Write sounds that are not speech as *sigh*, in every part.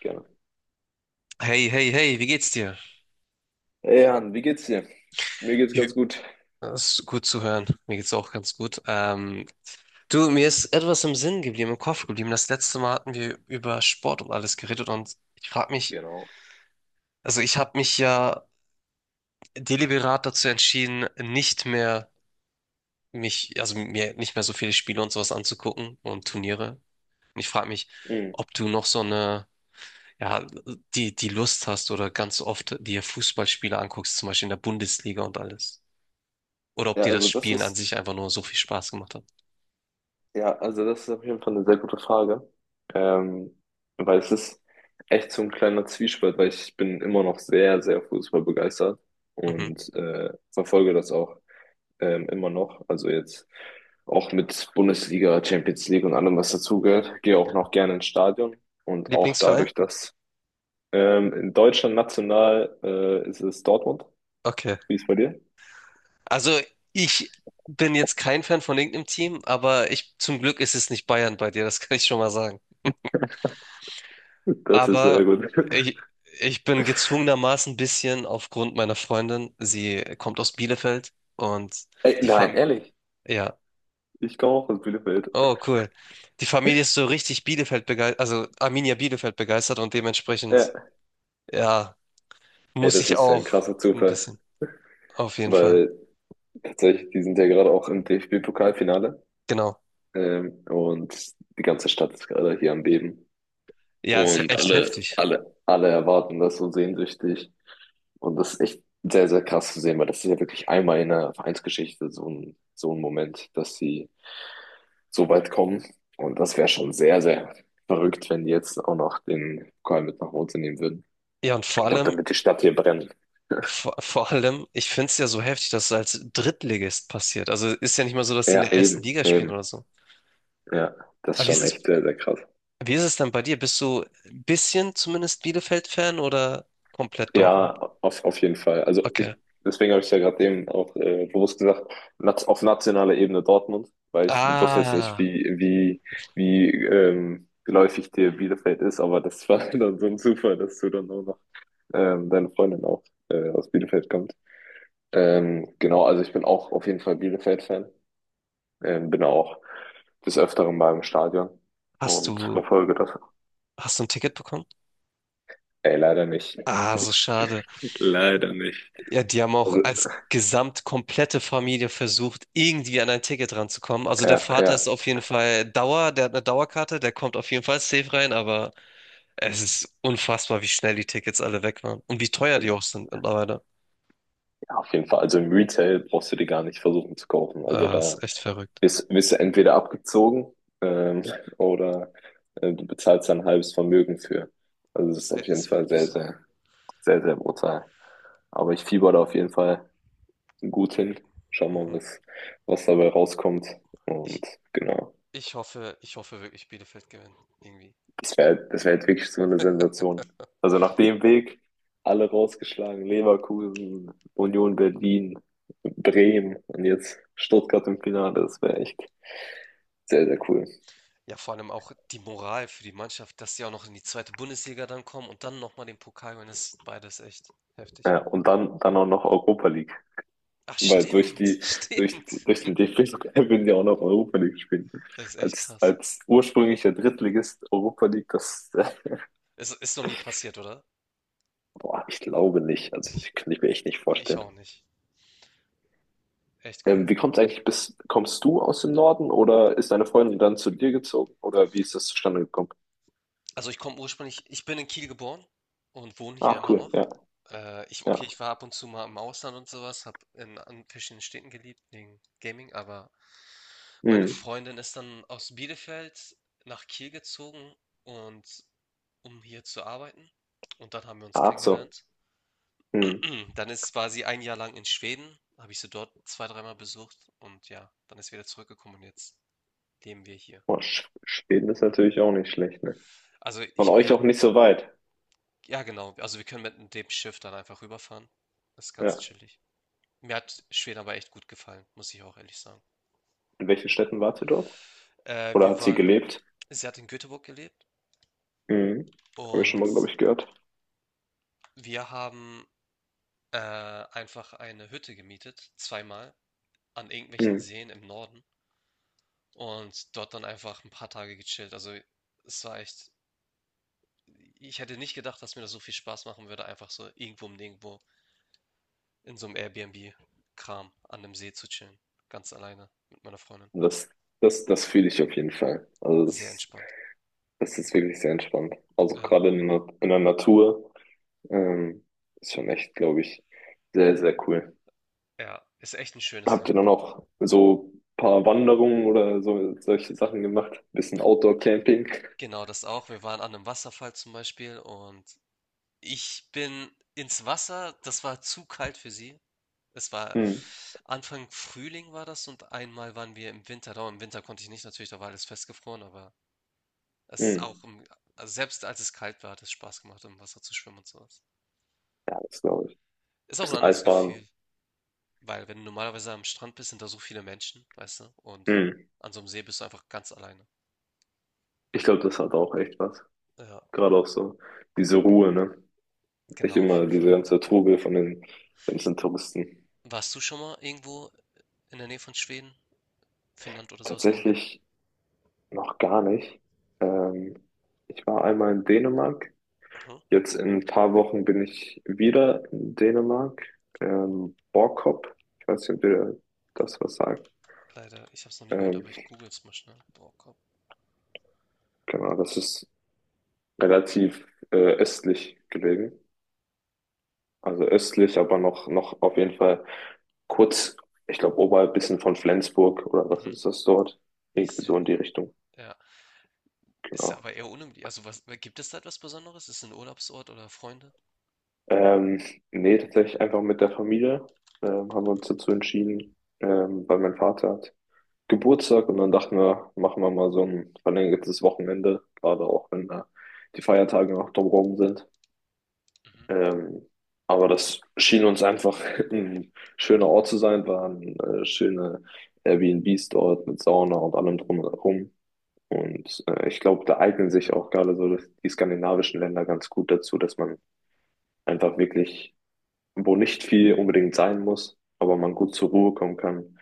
Gerne. Hey, hey, hey, wie geht's dir? Hey Jan, wie geht's dir? Mir geht's Wie- ganz gut. Das ist gut zu hören. Mir geht's auch ganz gut. Du, mir ist etwas im Sinn geblieben, im Kopf geblieben. Das letzte Mal hatten wir über Sport und alles geredet und ich frage mich, Genau. also ich habe mich ja deliberat dazu entschieden, nicht mehr also mir nicht mehr so viele Spiele und sowas anzugucken und Turniere. Und ich frage mich, Hm. ob du noch so eine, ja, die Lust hast oder ganz oft dir Fußballspiele anguckst, zum Beispiel in der Bundesliga und alles. Oder ob Ja, dir das also das Spielen an ist, sich einfach nur so viel Spaß gemacht hat. ja, also das ist auf jeden Fall eine sehr gute Frage. Ähm, weil es ist echt so ein kleiner Zwiespalt, weil ich bin immer noch sehr, sehr Fußball begeistert Mhm. und verfolge das auch immer noch. Also jetzt auch mit Bundesliga, Champions League und allem, was dazugehört. Gehe auch noch gerne ins Stadion und auch Lieblingsverein? dadurch, dass in Deutschland national ist es Dortmund. Okay. Wie ist es bei dir? Also ich bin jetzt kein Fan von irgendeinem Team, aber ich, zum Glück ist es nicht Bayern bei dir, das *laughs* kann ich schon mal sagen. Das ist sehr Aber gut. *laughs* ich, ich bin gezwungenermaßen ein bisschen aufgrund meiner Freundin. Sie kommt aus Bielefeld und Ey, die nein, Familie, ehrlich, ja, ich komme auch aus Bielefeld. oh cool. Die Familie ist so richtig Bielefeld begeistert, also Arminia Bielefeld begeistert und dementsprechend, Ja. ja, Ey, muss das ich ist ja ein auch krasser ein Zufall, bisschen, auf jeden Fall. weil tatsächlich, die sind ja gerade auch im DFB-Pokalfinale, Genau. Und die ganze Stadt ist gerade hier am Beben. Ja, ist ja Und echt heftig. Alle erwarten das so sehnsüchtig. Und das ist echt sehr, sehr krass zu sehen, weil das ist ja wirklich einmal in der Vereinsgeschichte so ein Moment, dass sie so weit kommen. Und das wäre schon sehr, sehr verrückt, wenn die jetzt auch noch den Pokal mit nach Hause nehmen würden. Ja, und vor Ich glaube, allem, dann wird die Stadt hier brennen. *laughs* vor allem, ich finde es ja so heftig, dass es als Drittligist passiert. Also ist ja nicht mal so, dass die in Ja, der ersten eben, Liga spielen eben. oder so. Ja, das ist Aber schon echt sehr, sehr krass. wie ist es dann bei dir? Bist du ein bisschen zumindest Bielefeld-Fan oder komplett Dortmund? Ja, auf jeden Fall. Okay. Deswegen habe ich ja gerade eben auch bewusst gesagt, nat auf nationaler Ebene Dortmund, weil ich wusste jetzt nicht, Ah, wie geläufig dir Bielefeld ist, aber das war *laughs* dann so ein Zufall, dass du dann auch noch deine Freundin auch aus Bielefeld kommt. Genau, also ich bin auch auf jeden Fall Bielefeld-Fan, bin auch des Öfteren mal im Stadion hast und du, verfolge das. hast du ein Ticket bekommen? Ey, leider nicht. Ah, so schade. Leider nicht. Ja, die haben auch Also, als gesamt komplette Familie versucht, irgendwie an ein Ticket ranzukommen. Also der ja, Vater ja. ist auf jeden Fall Dauer, der hat eine Dauerkarte, der kommt auf jeden Fall safe rein, aber es ist unfassbar, wie schnell die Tickets alle weg waren und wie teuer die auch sind mittlerweile. Ja, auf jeden Fall. Also im Retail brauchst du die gar nicht versuchen zu kaufen. Also Ah, da ist echt verrückt. Bist du entweder abgezogen ähm, oder du bezahlst da ein halbes Vermögen für. Also es ist auf jeden Ist Fall wirklich so. Sehr, sehr brutal. Aber ich fieber da auf jeden Fall gut hin. Schau mal, Mhm. Was dabei rauskommt. Ich, Und genau. Ich hoffe, ich hoffe wirklich, Bielefeld gewinnt irgendwie. Das wär jetzt wirklich so eine Sensation. Also nach dem Weg alle rausgeschlagen, Leverkusen, Union Berlin, Bremen und jetzt Stuttgart im Finale. Das wäre echt sehr, sehr cool. Ja, vor allem auch die Moral für die Mannschaft, dass sie auch noch in die zweite Bundesliga dann kommen und dann nochmal den Pokal gewinnen, das ist beides echt heftig. Ja, und dann auch noch Europa League. Ach, Weil stimmt, *laughs* stimmt. durch den DFB-Pokal würden *laughs* die auch noch Europa League spielen. Das ist echt krass. Als ursprünglicher Drittligist Europa League, das, *laughs* Es ist noch nie passiert, oder? boah, ich glaube nicht. Also, Ich, ich kann ich mir echt nicht Ich vorstellen. auch nicht. Echt cool. Wie kommt's eigentlich bis, kommst du aus dem Norden oder ist deine Freundin dann zu dir gezogen oder wie ist das zustande gekommen? Also ich komme ursprünglich, ich bin in Kiel geboren und wohne hier Ach immer noch. cool, ja, ja. Okay, ich war ab und zu mal im Ausland und sowas, habe an verschiedenen Städten gelebt, wegen Gaming, aber meine Hm. Freundin ist dann aus Bielefeld nach Kiel gezogen und um hier zu arbeiten. Und dann haben wir uns Ach so. kennengelernt. Hm. *clears throat* Dann war sie ein Jahr lang in Schweden, habe ich sie dort zwei, dreimal besucht und ja, dann ist sie wieder zurückgekommen und jetzt leben wir hier. Boah, Sch- Schweden ist natürlich auch nicht schlecht, ne? Also Von ich euch auch merke, nicht so weit. ja, genau. Also wir können mit dem Schiff dann einfach rüberfahren. Das ist ganz Ja. chillig. Mir hat Schweden aber echt gut gefallen, muss ich auch ehrlich sagen. In welchen Städten wart ihr dort? Äh, Oder wir hat sie waren, gelebt? Sie hat in Göteborg gelebt Hm. Habe ich schon und mal, glaube ich, gehört. wir haben einfach eine Hütte gemietet, zweimal, an irgendwelchen Hm. Seen im Norden und dort dann einfach ein paar Tage gechillt. Also es war echt, ich hätte nicht gedacht, dass mir das so viel Spaß machen würde, einfach so irgendwo im Nirgendwo in so einem Airbnb-Kram an einem See zu chillen, ganz alleine mit meiner Freundin. Und Das, Das fühle ich auf jeden Fall. Also Sehr das, entspannt. das ist wirklich sehr entspannt. Also Ja, gerade in der Natur ähm, ist schon echt, glaube ich, sehr, sehr cool. ja, ist echt ein schönes Habt Land. ihr dann auch so ein paar Wanderungen oder so solche Sachen gemacht? Bisschen Outdoor-Camping? Genau, das auch. Wir waren an einem Wasserfall zum Beispiel und ich bin ins Wasser. Das war zu kalt für sie. Es war Hm, Anfang Frühling war das und einmal waren wir im Winter da. Im Winter konnte ich nicht natürlich, da war alles festgefroren, aber es ist auch hm. im also selbst als es kalt war, hat es Spaß gemacht, im Wasser zu schwimmen und so was. Ja, das glaube ich. Ist auch ein Bisschen anderes Eisbaden. Gefühl, weil wenn du normalerweise am Strand bist, sind da so viele Menschen, weißt du, und Hm. an so einem See bist du einfach ganz alleine. Ich glaube, das hat auch echt was. Ja, Gerade auch so diese Ruhe, ne? Nicht genau, auf immer jeden diese Fall. ganze Trubel von den ganzen Touristen. Warst du schon mal irgendwo in der Nähe von Schweden, Finnland oder sowas im Urlaub? Tatsächlich noch gar nicht. Ähm, ich war einmal in Dänemark. Aha. Jetzt in ein paar Wochen bin ich wieder in Dänemark. Borkop. Ich weiß nicht, ob ihr das was sagt. Leider, ich hab's noch nie gehört, Ähm, aber ich google es mal schnell. Boah, komm. Genau, das ist relativ östlich gelegen. Also östlich, aber noch auf jeden Fall kurz, ich glaube, oberhalb bisschen von Flensburg oder was Mhm. ist das dort? Ich Irgendwie sehe, so in die Richtung, ja. Ist genau. aber eher unüblich. Also, was, gibt es da etwas Besonderes? Ist es ein Urlaubsort oder Freunde? Ähm, nee, tatsächlich einfach mit der Familie haben wir uns dazu entschieden, weil mein Vater hat Geburtstag und dann dachten wir, machen wir mal so ein verlängertes Wochenende, gerade auch wenn da die Feiertage noch drumherum sind. Mhm. Ähm, aber das schien uns einfach *laughs* ein schöner Ort zu sein, waren schöne Airbnbs dort mit Sauna und allem drum und herum. Und ich glaube, da eignen sich auch gerade die skandinavischen Länder ganz gut dazu, dass man einfach wirklich, wo nicht viel unbedingt sein muss, aber man gut zur Ruhe kommen kann,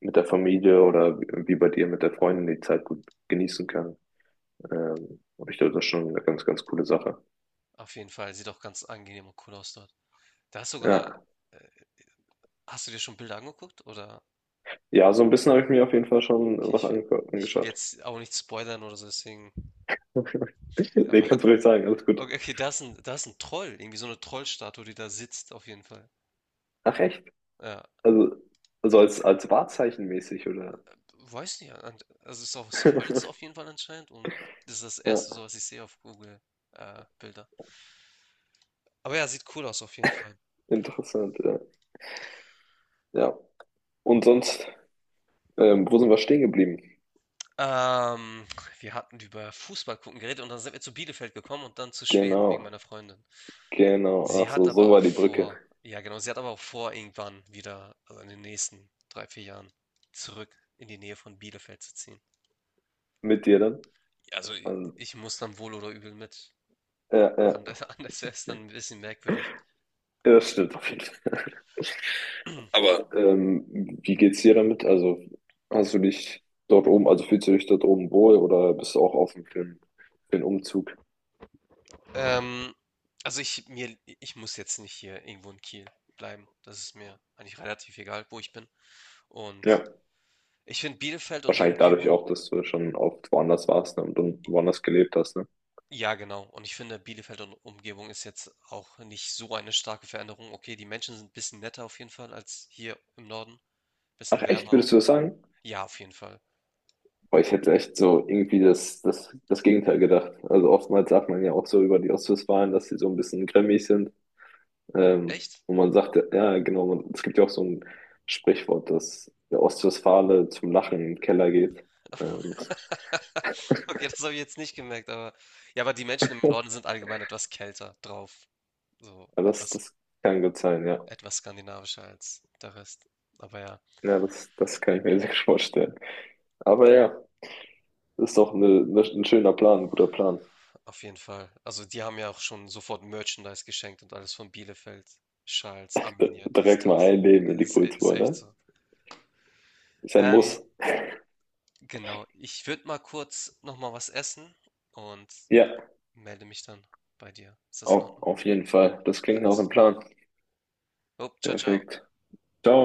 mit der Familie oder wie bei dir mit der Freundin die Zeit gut genießen kann. Und ich glaube, das ist schon eine ganz, ganz coole Sache. Auf jeden Fall, sieht auch ganz angenehm und cool aus dort. Da hast sogar, Ja. äh, Hast du dir schon Bilder angeguckt? Ja, so ein bisschen habe ich mir auf jeden Fall schon Okay, was ange ich will angeschaut. jetzt auch nicht spoilern oder so, deswegen. *laughs* *laughs* Nee, Aber kannst du ruhig sagen, alles gut. okay, okay, da ist 'n Troll, irgendwie so eine Trollstatue, die da sitzt auf jeden Fall. Ach echt? Ja, Also, als Wahrzeichen mäßig, oder? weiß nicht, an also, ist aus Holz auf *laughs* jeden Fall anscheinend und das ist das erste Ja, so was ich sehe auf Google, Bilder. Aber ja, sieht cool aus auf jeden Fall. interessant, ja. Ja. Und sonst, wo sind wir stehen geblieben? Ähm, Wir hatten über Fußball gucken geredet und dann sind wir zu Bielefeld gekommen und dann zu Schweden wegen Genau, meiner Freundin. genau. Ach so, so war die Brücke. Sie hat aber auch vor, irgendwann wieder, also, in den nächsten 3 4 Jahren zurück in die Nähe von Bielefeld zu ziehen. Mit dir dann? Ja, also, i Also, ich muss dann wohl oder übel mit. Ja, *laughs* anders wäre es dann ein bisschen merkwürdig. das stimmt auf jeden Fall. *laughs* *clears throat* Aber wie geht's dir damit? Also, hast du dich dort oben, also fühlst du dich dort oben wohl oder bist du auch offen für, für den Umzug? Ähm, also ich muss jetzt nicht hier irgendwo in Kiel bleiben. Das ist mir eigentlich relativ egal, wo ich bin. Und Ja. ich finde Bielefeld und die Wahrscheinlich dadurch Umgebung, auch, dass du schon oft woanders warst, ne, und dann woanders gelebt hast, ne? ja genau. Und ich finde Bielefeld und Umgebung ist jetzt auch nicht so eine starke Veränderung. Okay, die Menschen sind ein bisschen netter auf jeden Fall als hier im Norden. Ach Bisschen echt, wärmer würdest du auch. das sagen? Ja, auf jeden Fall. Boah, ich hätte echt so irgendwie das Gegenteil gedacht. Also oftmals sagt man ja auch so über die Ostwestfalen, dass sie so ein bisschen grimmig sind. Ähm, Echt? und man sagt, ja, ja, genau, man, es gibt ja auch so ein Sprichwort, dass der Ostwestfale zum Lachen in den Keller geht. Ähm, *laughs* Okay, das habe ich jetzt nicht gemerkt, aber ja, aber die Menschen im Norden sind allgemein etwas kälter drauf. So ja, das, etwas, das kann gut sein, ja. etwas skandinavischer als der Rest. Aber ja, Ja, das, das kann ich mir *laughs* sehr gut vorstellen. Aber ja, ist doch ein schöner Plan, ein guter Plan. auf jeden Fall. Also die haben ja auch schon sofort Merchandise geschenkt und alles von Bielefeld, Schals, D- Arminia, dies, Direkt mal das. einleben in die Ist Kultur, echt ne? so. Ist ein Ähm, Muss. genau. Ich würde mal kurz nochmal was essen und Ja, melde mich dann bei dir. Ist das in Ordnung? auf jeden Fall. Das klingt nach Alles einem klar. Plan. Upp, ciao, ciao. Perfekt. Ciao.